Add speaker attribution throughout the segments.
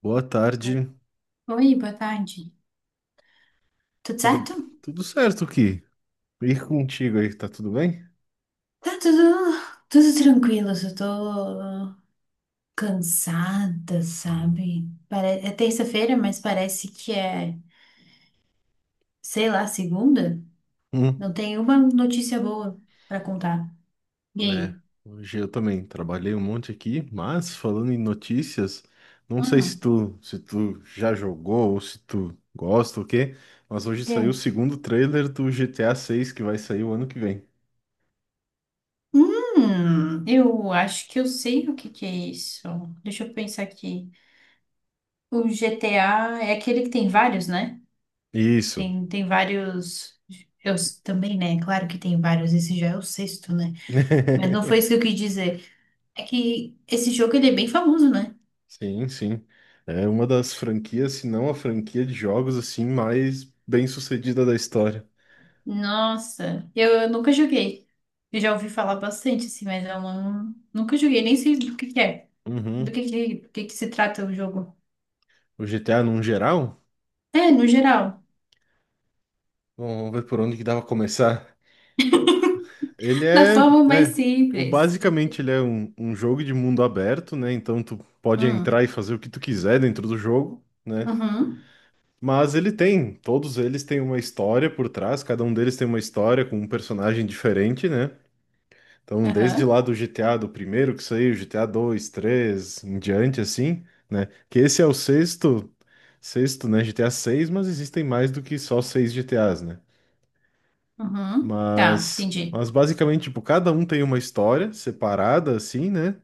Speaker 1: Boa tarde.
Speaker 2: Oi, boa tarde. Tudo
Speaker 1: Tudo.
Speaker 2: certo?
Speaker 1: Tudo certo aqui? E contigo aí, tá tudo bem?
Speaker 2: Tá tudo, tudo tranquilo, só tô cansada,
Speaker 1: Hum.
Speaker 2: sabe? É terça-feira, mas parece que é, sei lá, segunda.
Speaker 1: Hum.
Speaker 2: Não tem uma notícia boa pra contar. E
Speaker 1: É,
Speaker 2: aí?
Speaker 1: hoje eu também trabalhei um monte aqui, mas falando em notícias, não sei se
Speaker 2: Hum,
Speaker 1: tu, se tu já jogou ou se tu gosta ou o quê, mas hoje saiu o
Speaker 2: quê?
Speaker 1: segundo trailer do GTA 6 que vai sair o ano que vem.
Speaker 2: Eu acho que eu sei o que que é isso. Deixa eu pensar aqui. O GTA é aquele que tem vários, né?
Speaker 1: Isso.
Speaker 2: Tem, tem vários. Também, né? Claro que tem vários. Esse já é o sexto, né? Mas não foi isso que eu quis dizer. É que esse jogo ele é bem famoso, né?
Speaker 1: Sim, sim. É uma das franquias, se não a franquia de jogos assim mais bem-sucedida da história.
Speaker 2: Nossa, eu nunca joguei. Eu já ouvi falar bastante, assim, mas eu não, nunca joguei, nem sei do que é. Do
Speaker 1: Uhum.
Speaker 2: que que, do que que se trata o jogo.
Speaker 1: O GTA num geral?
Speaker 2: É, no geral.
Speaker 1: Vamos ver por onde que dava começar. Ele
Speaker 2: Da
Speaker 1: é,
Speaker 2: forma mais
Speaker 1: é, o
Speaker 2: simples.
Speaker 1: Basicamente ele é um jogo de mundo aberto, né? Então tu pode entrar
Speaker 2: Hum,
Speaker 1: e fazer o que tu quiser dentro do jogo, né?
Speaker 2: uhum,
Speaker 1: Mas ele tem, todos eles têm uma história por trás, cada um deles tem uma história com um personagem diferente, né? Então, desde
Speaker 2: aham,
Speaker 1: lá do GTA do primeiro que saiu, GTA 2 3 em diante assim, né? Que esse é o sexto, né, GTA seis, mas existem mais do que só seis GTAs, né?
Speaker 2: uhum. Tá,
Speaker 1: Mas,
Speaker 2: entendi.
Speaker 1: mas basicamente, tipo, cada um tem uma história separada, assim, né?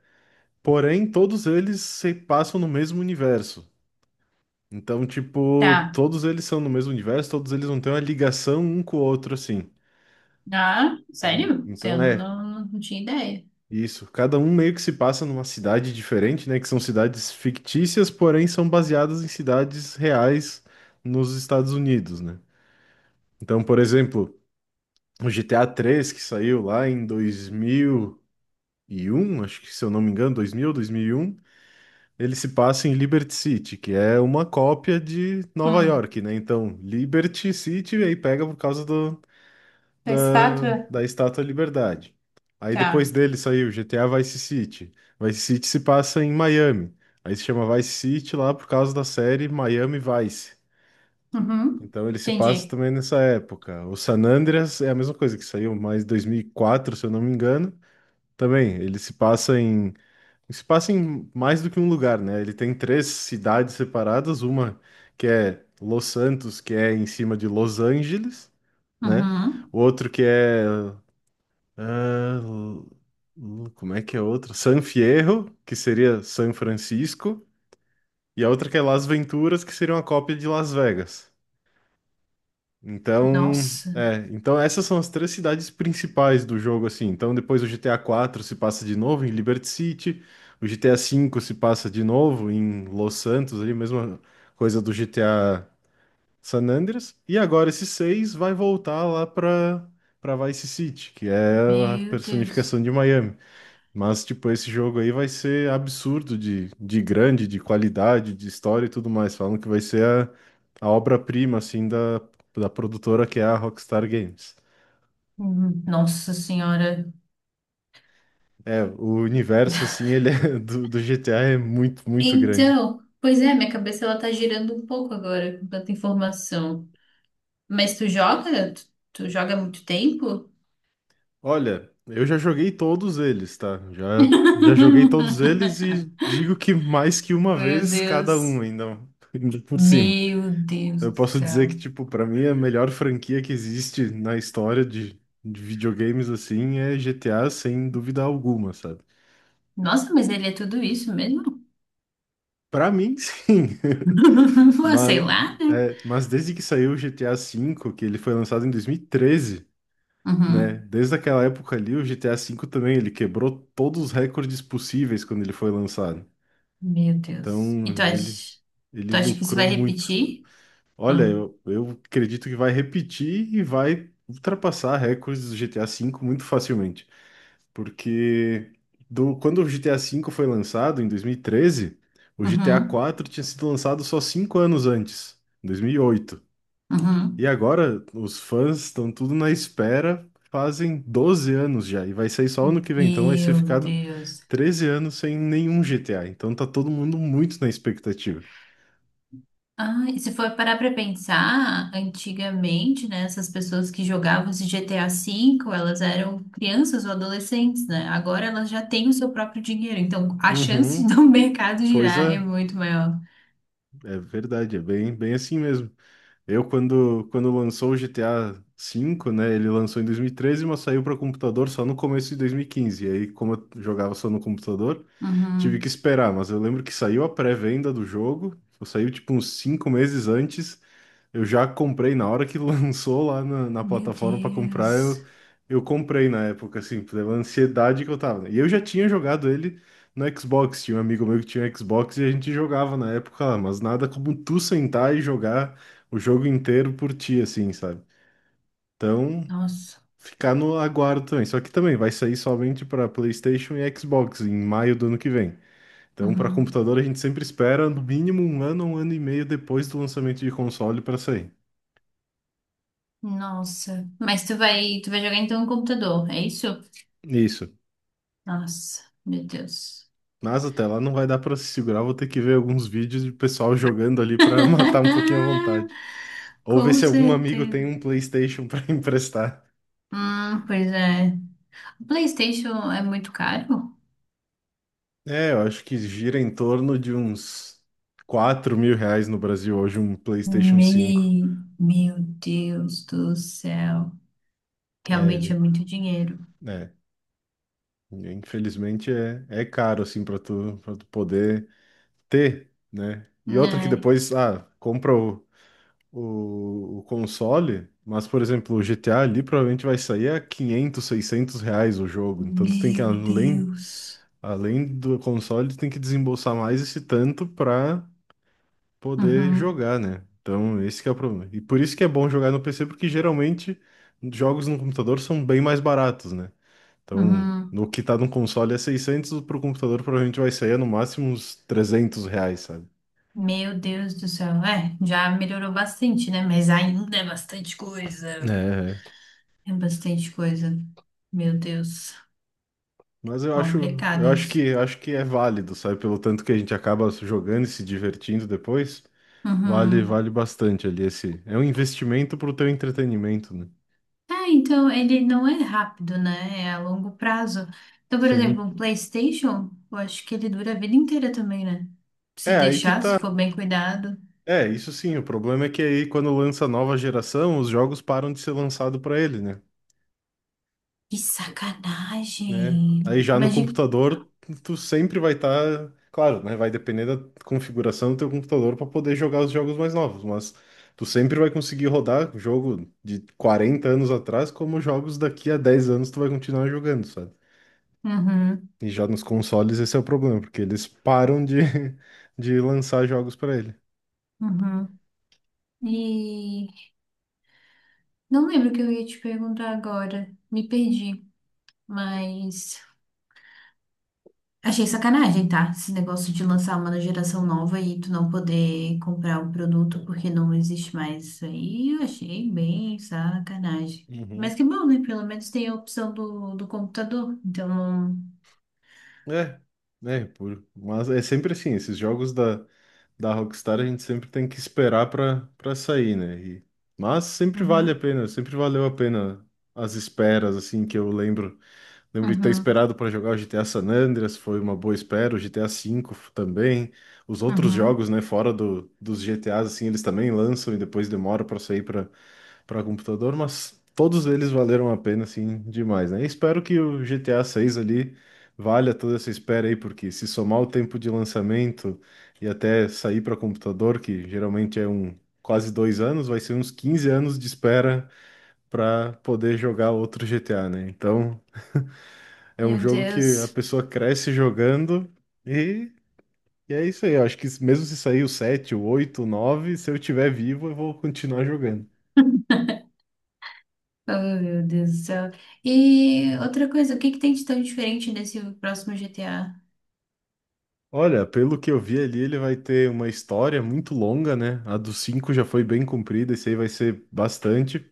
Speaker 1: Porém, todos eles se passam no mesmo universo. Então, tipo,
Speaker 2: Tá.
Speaker 1: todos eles são no mesmo universo, todos eles não têm uma ligação um com o outro, assim.
Speaker 2: Ah, sério? Você
Speaker 1: Então,
Speaker 2: não,
Speaker 1: é
Speaker 2: não, não tinha ideia.
Speaker 1: isso. Cada um meio que se passa numa cidade diferente, né? Que são cidades fictícias, porém são baseadas em cidades reais nos Estados Unidos, né? Então, por exemplo, o GTA 3 que saiu lá em 2001, acho que se eu não me engano, 2000, 2001, ele se passa em Liberty City, que é uma cópia de Nova
Speaker 2: Hum,
Speaker 1: York, né? Então, Liberty City aí pega por causa do,
Speaker 2: da
Speaker 1: da,
Speaker 2: estátua?
Speaker 1: da Estátua da Liberdade. Aí depois
Speaker 2: Tá.
Speaker 1: dele saiu GTA Vice City. Vice City se passa em Miami. Aí se chama Vice City lá por causa da série Miami Vice.
Speaker 2: Uhum,
Speaker 1: Então ele se passa
Speaker 2: entendi.
Speaker 1: também nessa época. O San Andreas é a mesma coisa que saiu mais 2004, se eu não me engano. Também, ele se passa em mais do que um lugar, né? Ele tem três cidades separadas, uma que é Los Santos, que é em cima de Los Angeles, né?
Speaker 2: Uhum.
Speaker 1: O outro que é, ah, l- como é que é outro? San Fierro, que seria San Francisco, e a outra que é Las Venturas, que seria uma cópia de Las Vegas. Então,
Speaker 2: Nossa.
Speaker 1: então essas são as três cidades principais do jogo, assim. Então depois o GTA 4 se passa de novo em Liberty City, o GTA 5 se passa de novo em Los Santos, ali mesma coisa do GTA San Andreas. E agora esse seis vai voltar lá para Vice City, que é a
Speaker 2: Meu
Speaker 1: personificação
Speaker 2: Deus.
Speaker 1: de Miami. Mas, tipo, esse jogo aí vai ser absurdo de grande, de qualidade, de história e tudo mais. Falam que vai ser a obra-prima, assim, da produtora que é a Rockstar Games.
Speaker 2: Nossa Senhora.
Speaker 1: É, o universo, assim, ele é, do GTA é muito, muito grande.
Speaker 2: Então, pois é, minha cabeça ela tá girando um pouco agora com tanta informação. Mas tu joga? Tu joga há muito tempo?
Speaker 1: Olha, eu já joguei todos eles, tá? Já joguei todos eles e digo que mais que uma
Speaker 2: Meu
Speaker 1: vez cada um
Speaker 2: Deus.
Speaker 1: ainda, ainda por cima.
Speaker 2: Meu Deus
Speaker 1: Eu
Speaker 2: do
Speaker 1: posso dizer que,
Speaker 2: céu.
Speaker 1: tipo, pra mim a melhor franquia que existe na história de videogames, assim, é GTA, sem dúvida alguma, sabe?
Speaker 2: Nossa, mas ele é tudo isso mesmo?
Speaker 1: Pra mim, sim.
Speaker 2: Ah, sei
Speaker 1: Mas,
Speaker 2: lá, né?
Speaker 1: mas desde que saiu o GTA V, que ele foi lançado em 2013, né?
Speaker 2: Uhum.
Speaker 1: Desde aquela época ali, o GTA V também, ele quebrou todos os recordes possíveis quando ele foi lançado.
Speaker 2: Meu Deus.
Speaker 1: Então, ele,
Speaker 2: Tu
Speaker 1: ele
Speaker 2: acha que isso
Speaker 1: lucrou
Speaker 2: vai
Speaker 1: muito.
Speaker 2: repetir?
Speaker 1: Olha,
Speaker 2: Ah.
Speaker 1: eu acredito que vai repetir e vai ultrapassar recordes do GTA V muito facilmente. Porque quando o GTA V foi lançado, em 2013, o GTA
Speaker 2: Uhum.
Speaker 1: IV tinha sido lançado só 5 anos antes, em 2008, e
Speaker 2: Uhum.
Speaker 1: agora os fãs estão tudo na espera, fazem 12 anos já, e vai sair só ano que vem. Então vai ser
Speaker 2: Meu
Speaker 1: ficado
Speaker 2: Deus.
Speaker 1: 13 anos sem nenhum GTA. Então tá todo mundo muito na expectativa.
Speaker 2: Ah, e se for parar pra pensar, antigamente, né, essas pessoas que jogavam esse GTA V, elas eram crianças ou adolescentes, né? Agora elas já têm o seu próprio dinheiro, então a chance
Speaker 1: Uhum,
Speaker 2: do mercado
Speaker 1: pois
Speaker 2: girar é
Speaker 1: é.
Speaker 2: muito maior.
Speaker 1: É verdade, é bem, bem assim mesmo. Eu, quando lançou o GTA V, né? Ele lançou em 2013, mas saiu para computador só no começo de 2015. E quinze. E aí, como eu jogava só no computador, tive que
Speaker 2: Uhum.
Speaker 1: esperar. Mas eu lembro que saiu a pré-venda do jogo, saiu tipo uns 5 meses antes. Eu já comprei na hora que lançou lá na
Speaker 2: Meu
Speaker 1: plataforma para comprar.
Speaker 2: Deus.
Speaker 1: Eu comprei na época, assim, pela ansiedade que eu tava, né? E eu já tinha jogado ele no Xbox. Tinha um amigo meu que tinha Xbox e a gente jogava na época lá, mas nada como tu sentar e jogar o jogo inteiro por ti, assim, sabe? Então,
Speaker 2: Nossa.
Speaker 1: ficar no aguardo também. Só que também vai sair somente para PlayStation e Xbox em maio do ano que vem. Então, para
Speaker 2: Uhum.
Speaker 1: computador, a gente sempre espera no mínimo um ano e meio depois do lançamento de console para sair.
Speaker 2: Nossa. Tu vai jogar então no computador, é isso?
Speaker 1: Isso.
Speaker 2: Nossa, meu Deus.
Speaker 1: Mas até lá não vai dar para se segurar, vou ter que ver alguns vídeos de pessoal jogando ali para matar um pouquinho a vontade. Ou ver
Speaker 2: Com
Speaker 1: se algum amigo
Speaker 2: certeza.
Speaker 1: tem um PlayStation para emprestar.
Speaker 2: Pois é. PlayStation é muito caro?
Speaker 1: É, eu acho que gira em torno de uns R$ 4.000 no Brasil hoje um PlayStation 5.
Speaker 2: Meu Deus do céu.
Speaker 1: É,
Speaker 2: Realmente é
Speaker 1: ele,
Speaker 2: muito dinheiro.
Speaker 1: né? Infelizmente é caro, assim, para tu poder ter, né? E outra que
Speaker 2: Ai,
Speaker 1: depois, compra o console, mas, por exemplo, o GTA ali provavelmente vai sair a quinhentos, 600 reais o jogo. Então tu tem que,
Speaker 2: meu
Speaker 1: além,
Speaker 2: Deus.
Speaker 1: além do console, tu tem que desembolsar mais esse tanto para poder
Speaker 2: Uhum,
Speaker 1: jogar, né? Então, esse que é o problema. E por isso que é bom jogar no PC, porque geralmente jogos no computador são bem mais baratos, né? Então,
Speaker 2: uhum.
Speaker 1: no que tá no console é 600, pro computador provavelmente vai sair no máximo uns R$ 300, sabe?
Speaker 2: Meu Deus do céu. É, já melhorou bastante, né? Mas ainda é bastante coisa.
Speaker 1: É,
Speaker 2: É bastante coisa. Meu Deus.
Speaker 1: mas
Speaker 2: Complicado isso.
Speaker 1: acho que é válido, sabe? Pelo tanto que a gente acaba jogando e se divertindo depois, vale,
Speaker 2: Uhum.
Speaker 1: vale bastante ali esse. É um investimento pro teu entretenimento, né?
Speaker 2: Ah, então ele não é rápido, né? É a longo prazo. Então, por
Speaker 1: Sim.
Speaker 2: exemplo, um PlayStation, eu acho que ele dura a vida inteira também, né? Se
Speaker 1: É, aí que
Speaker 2: deixar, se
Speaker 1: tá.
Speaker 2: for bem cuidado.
Speaker 1: É, isso sim. O problema é que aí, quando lança a nova geração, os jogos param de ser lançados para ele, né?
Speaker 2: Que
Speaker 1: Né? Aí
Speaker 2: sacanagem!
Speaker 1: já no
Speaker 2: Imagina.
Speaker 1: computador, tu sempre vai estar. Claro, né? Vai depender da configuração do teu computador para poder jogar os jogos mais novos, mas tu sempre vai conseguir rodar jogo de 40 anos atrás, como jogos daqui a 10 anos tu vai continuar jogando, sabe?
Speaker 2: Uhum,
Speaker 1: E já nos consoles esse é o problema, porque eles param de, de lançar jogos para ele.
Speaker 2: uhum. E não lembro o que eu ia te perguntar agora. Me perdi. Mas. Achei sacanagem, tá? Esse negócio de lançar uma geração nova e tu não poder comprar o produto porque não existe mais. Isso aí eu achei bem sacanagem. Mas
Speaker 1: Uhum.
Speaker 2: que bom, né? Pelo menos tem a opção do, do computador. Então.
Speaker 1: É, né, por, mas é sempre assim, esses jogos da Rockstar a gente sempre tem que esperar para sair, né? E- mas sempre vale a
Speaker 2: Uhum,
Speaker 1: pena, sempre valeu a pena as esperas, assim, que eu lembro. Lembro de ter
Speaker 2: uhum,
Speaker 1: esperado para jogar o GTA San Andreas, foi uma boa espera, o GTA V também. Os outros
Speaker 2: uhum.
Speaker 1: jogos, né, fora dos GTAs, assim, eles também lançam e depois demora para sair para computador, mas todos eles valeram a pena, assim, demais, né? E espero que o GTA 6 ali valha toda essa espera aí, porque se somar o tempo de lançamento e até sair para computador, que geralmente é quase 2 anos, vai ser uns 15 anos de espera para poder jogar outro GTA, né? Então é um
Speaker 2: Meu
Speaker 1: jogo que a
Speaker 2: Deus.
Speaker 1: pessoa cresce jogando e. E é isso aí, eu acho que mesmo se sair o 7, o 8, o 9, se eu tiver vivo, eu vou continuar jogando.
Speaker 2: Oh, meu Deus do céu. E outra coisa, o que que tem de tão diferente nesse próximo GTA?
Speaker 1: Olha, pelo que eu vi ali, ele vai ter uma história muito longa, né? A dos cinco já foi bem comprida, esse aí vai ser bastante.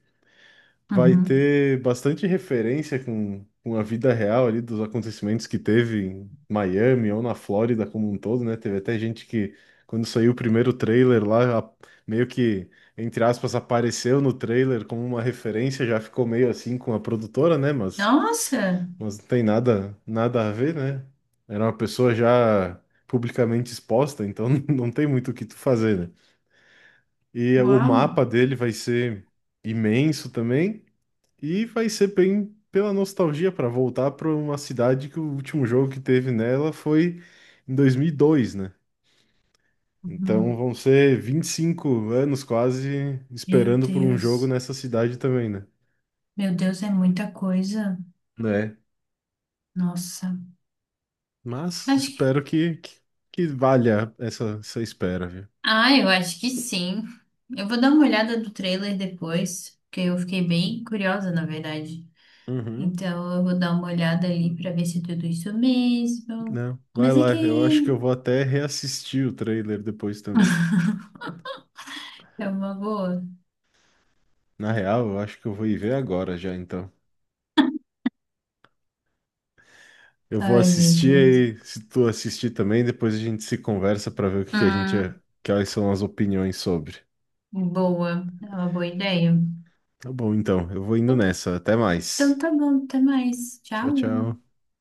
Speaker 1: Vai
Speaker 2: Uhum.
Speaker 1: ter bastante referência com a vida real ali dos acontecimentos que teve em Miami ou na Flórida como um todo, né? Teve até gente que, quando saiu o primeiro trailer lá, meio que, entre aspas, apareceu no trailer como uma referência, já ficou meio assim com a produtora, né? Mas.
Speaker 2: Nossa!
Speaker 1: Mas não tem nada, nada a ver, né? Era uma pessoa já publicamente exposta, então não tem muito o que tu fazer, né? E o
Speaker 2: Uau!
Speaker 1: mapa dele vai ser imenso também e vai ser bem pela nostalgia para voltar para uma cidade que o último jogo que teve nela foi em 2002, né? Então
Speaker 2: Uhum.
Speaker 1: vão ser 25 anos quase
Speaker 2: Meu
Speaker 1: esperando por um jogo
Speaker 2: Deus.
Speaker 1: nessa cidade também, né?
Speaker 2: Meu Deus, é muita coisa.
Speaker 1: Né?
Speaker 2: Nossa.
Speaker 1: Mas
Speaker 2: Acho que...
Speaker 1: espero que, valha essa espera, viu?
Speaker 2: Ah, eu acho que sim. Eu vou dar uma olhada do trailer depois, porque eu fiquei bem curiosa, na verdade.
Speaker 1: Uhum,
Speaker 2: Então eu vou dar uma olhada ali pra ver se é tudo isso mesmo.
Speaker 1: né? Vai
Speaker 2: Mas é
Speaker 1: lá,
Speaker 2: que
Speaker 1: eu
Speaker 2: é
Speaker 1: acho que eu
Speaker 2: um,
Speaker 1: vou até reassistir o trailer depois também.
Speaker 2: é uma boa.
Speaker 1: Na real, eu acho que eu vou ir ver agora já, então. Eu vou
Speaker 2: Ai, meu Deus.
Speaker 1: assistir e se tu assistir também, depois a gente se conversa pra ver o que que a gente,
Speaker 2: Hum,
Speaker 1: quais são as opiniões sobre.
Speaker 2: boa. É uma boa ideia.
Speaker 1: Tá bom, então, eu vou indo nessa. Até
Speaker 2: Então
Speaker 1: mais.
Speaker 2: tá bom, até mais. Tchau.
Speaker 1: Tchau, tchau.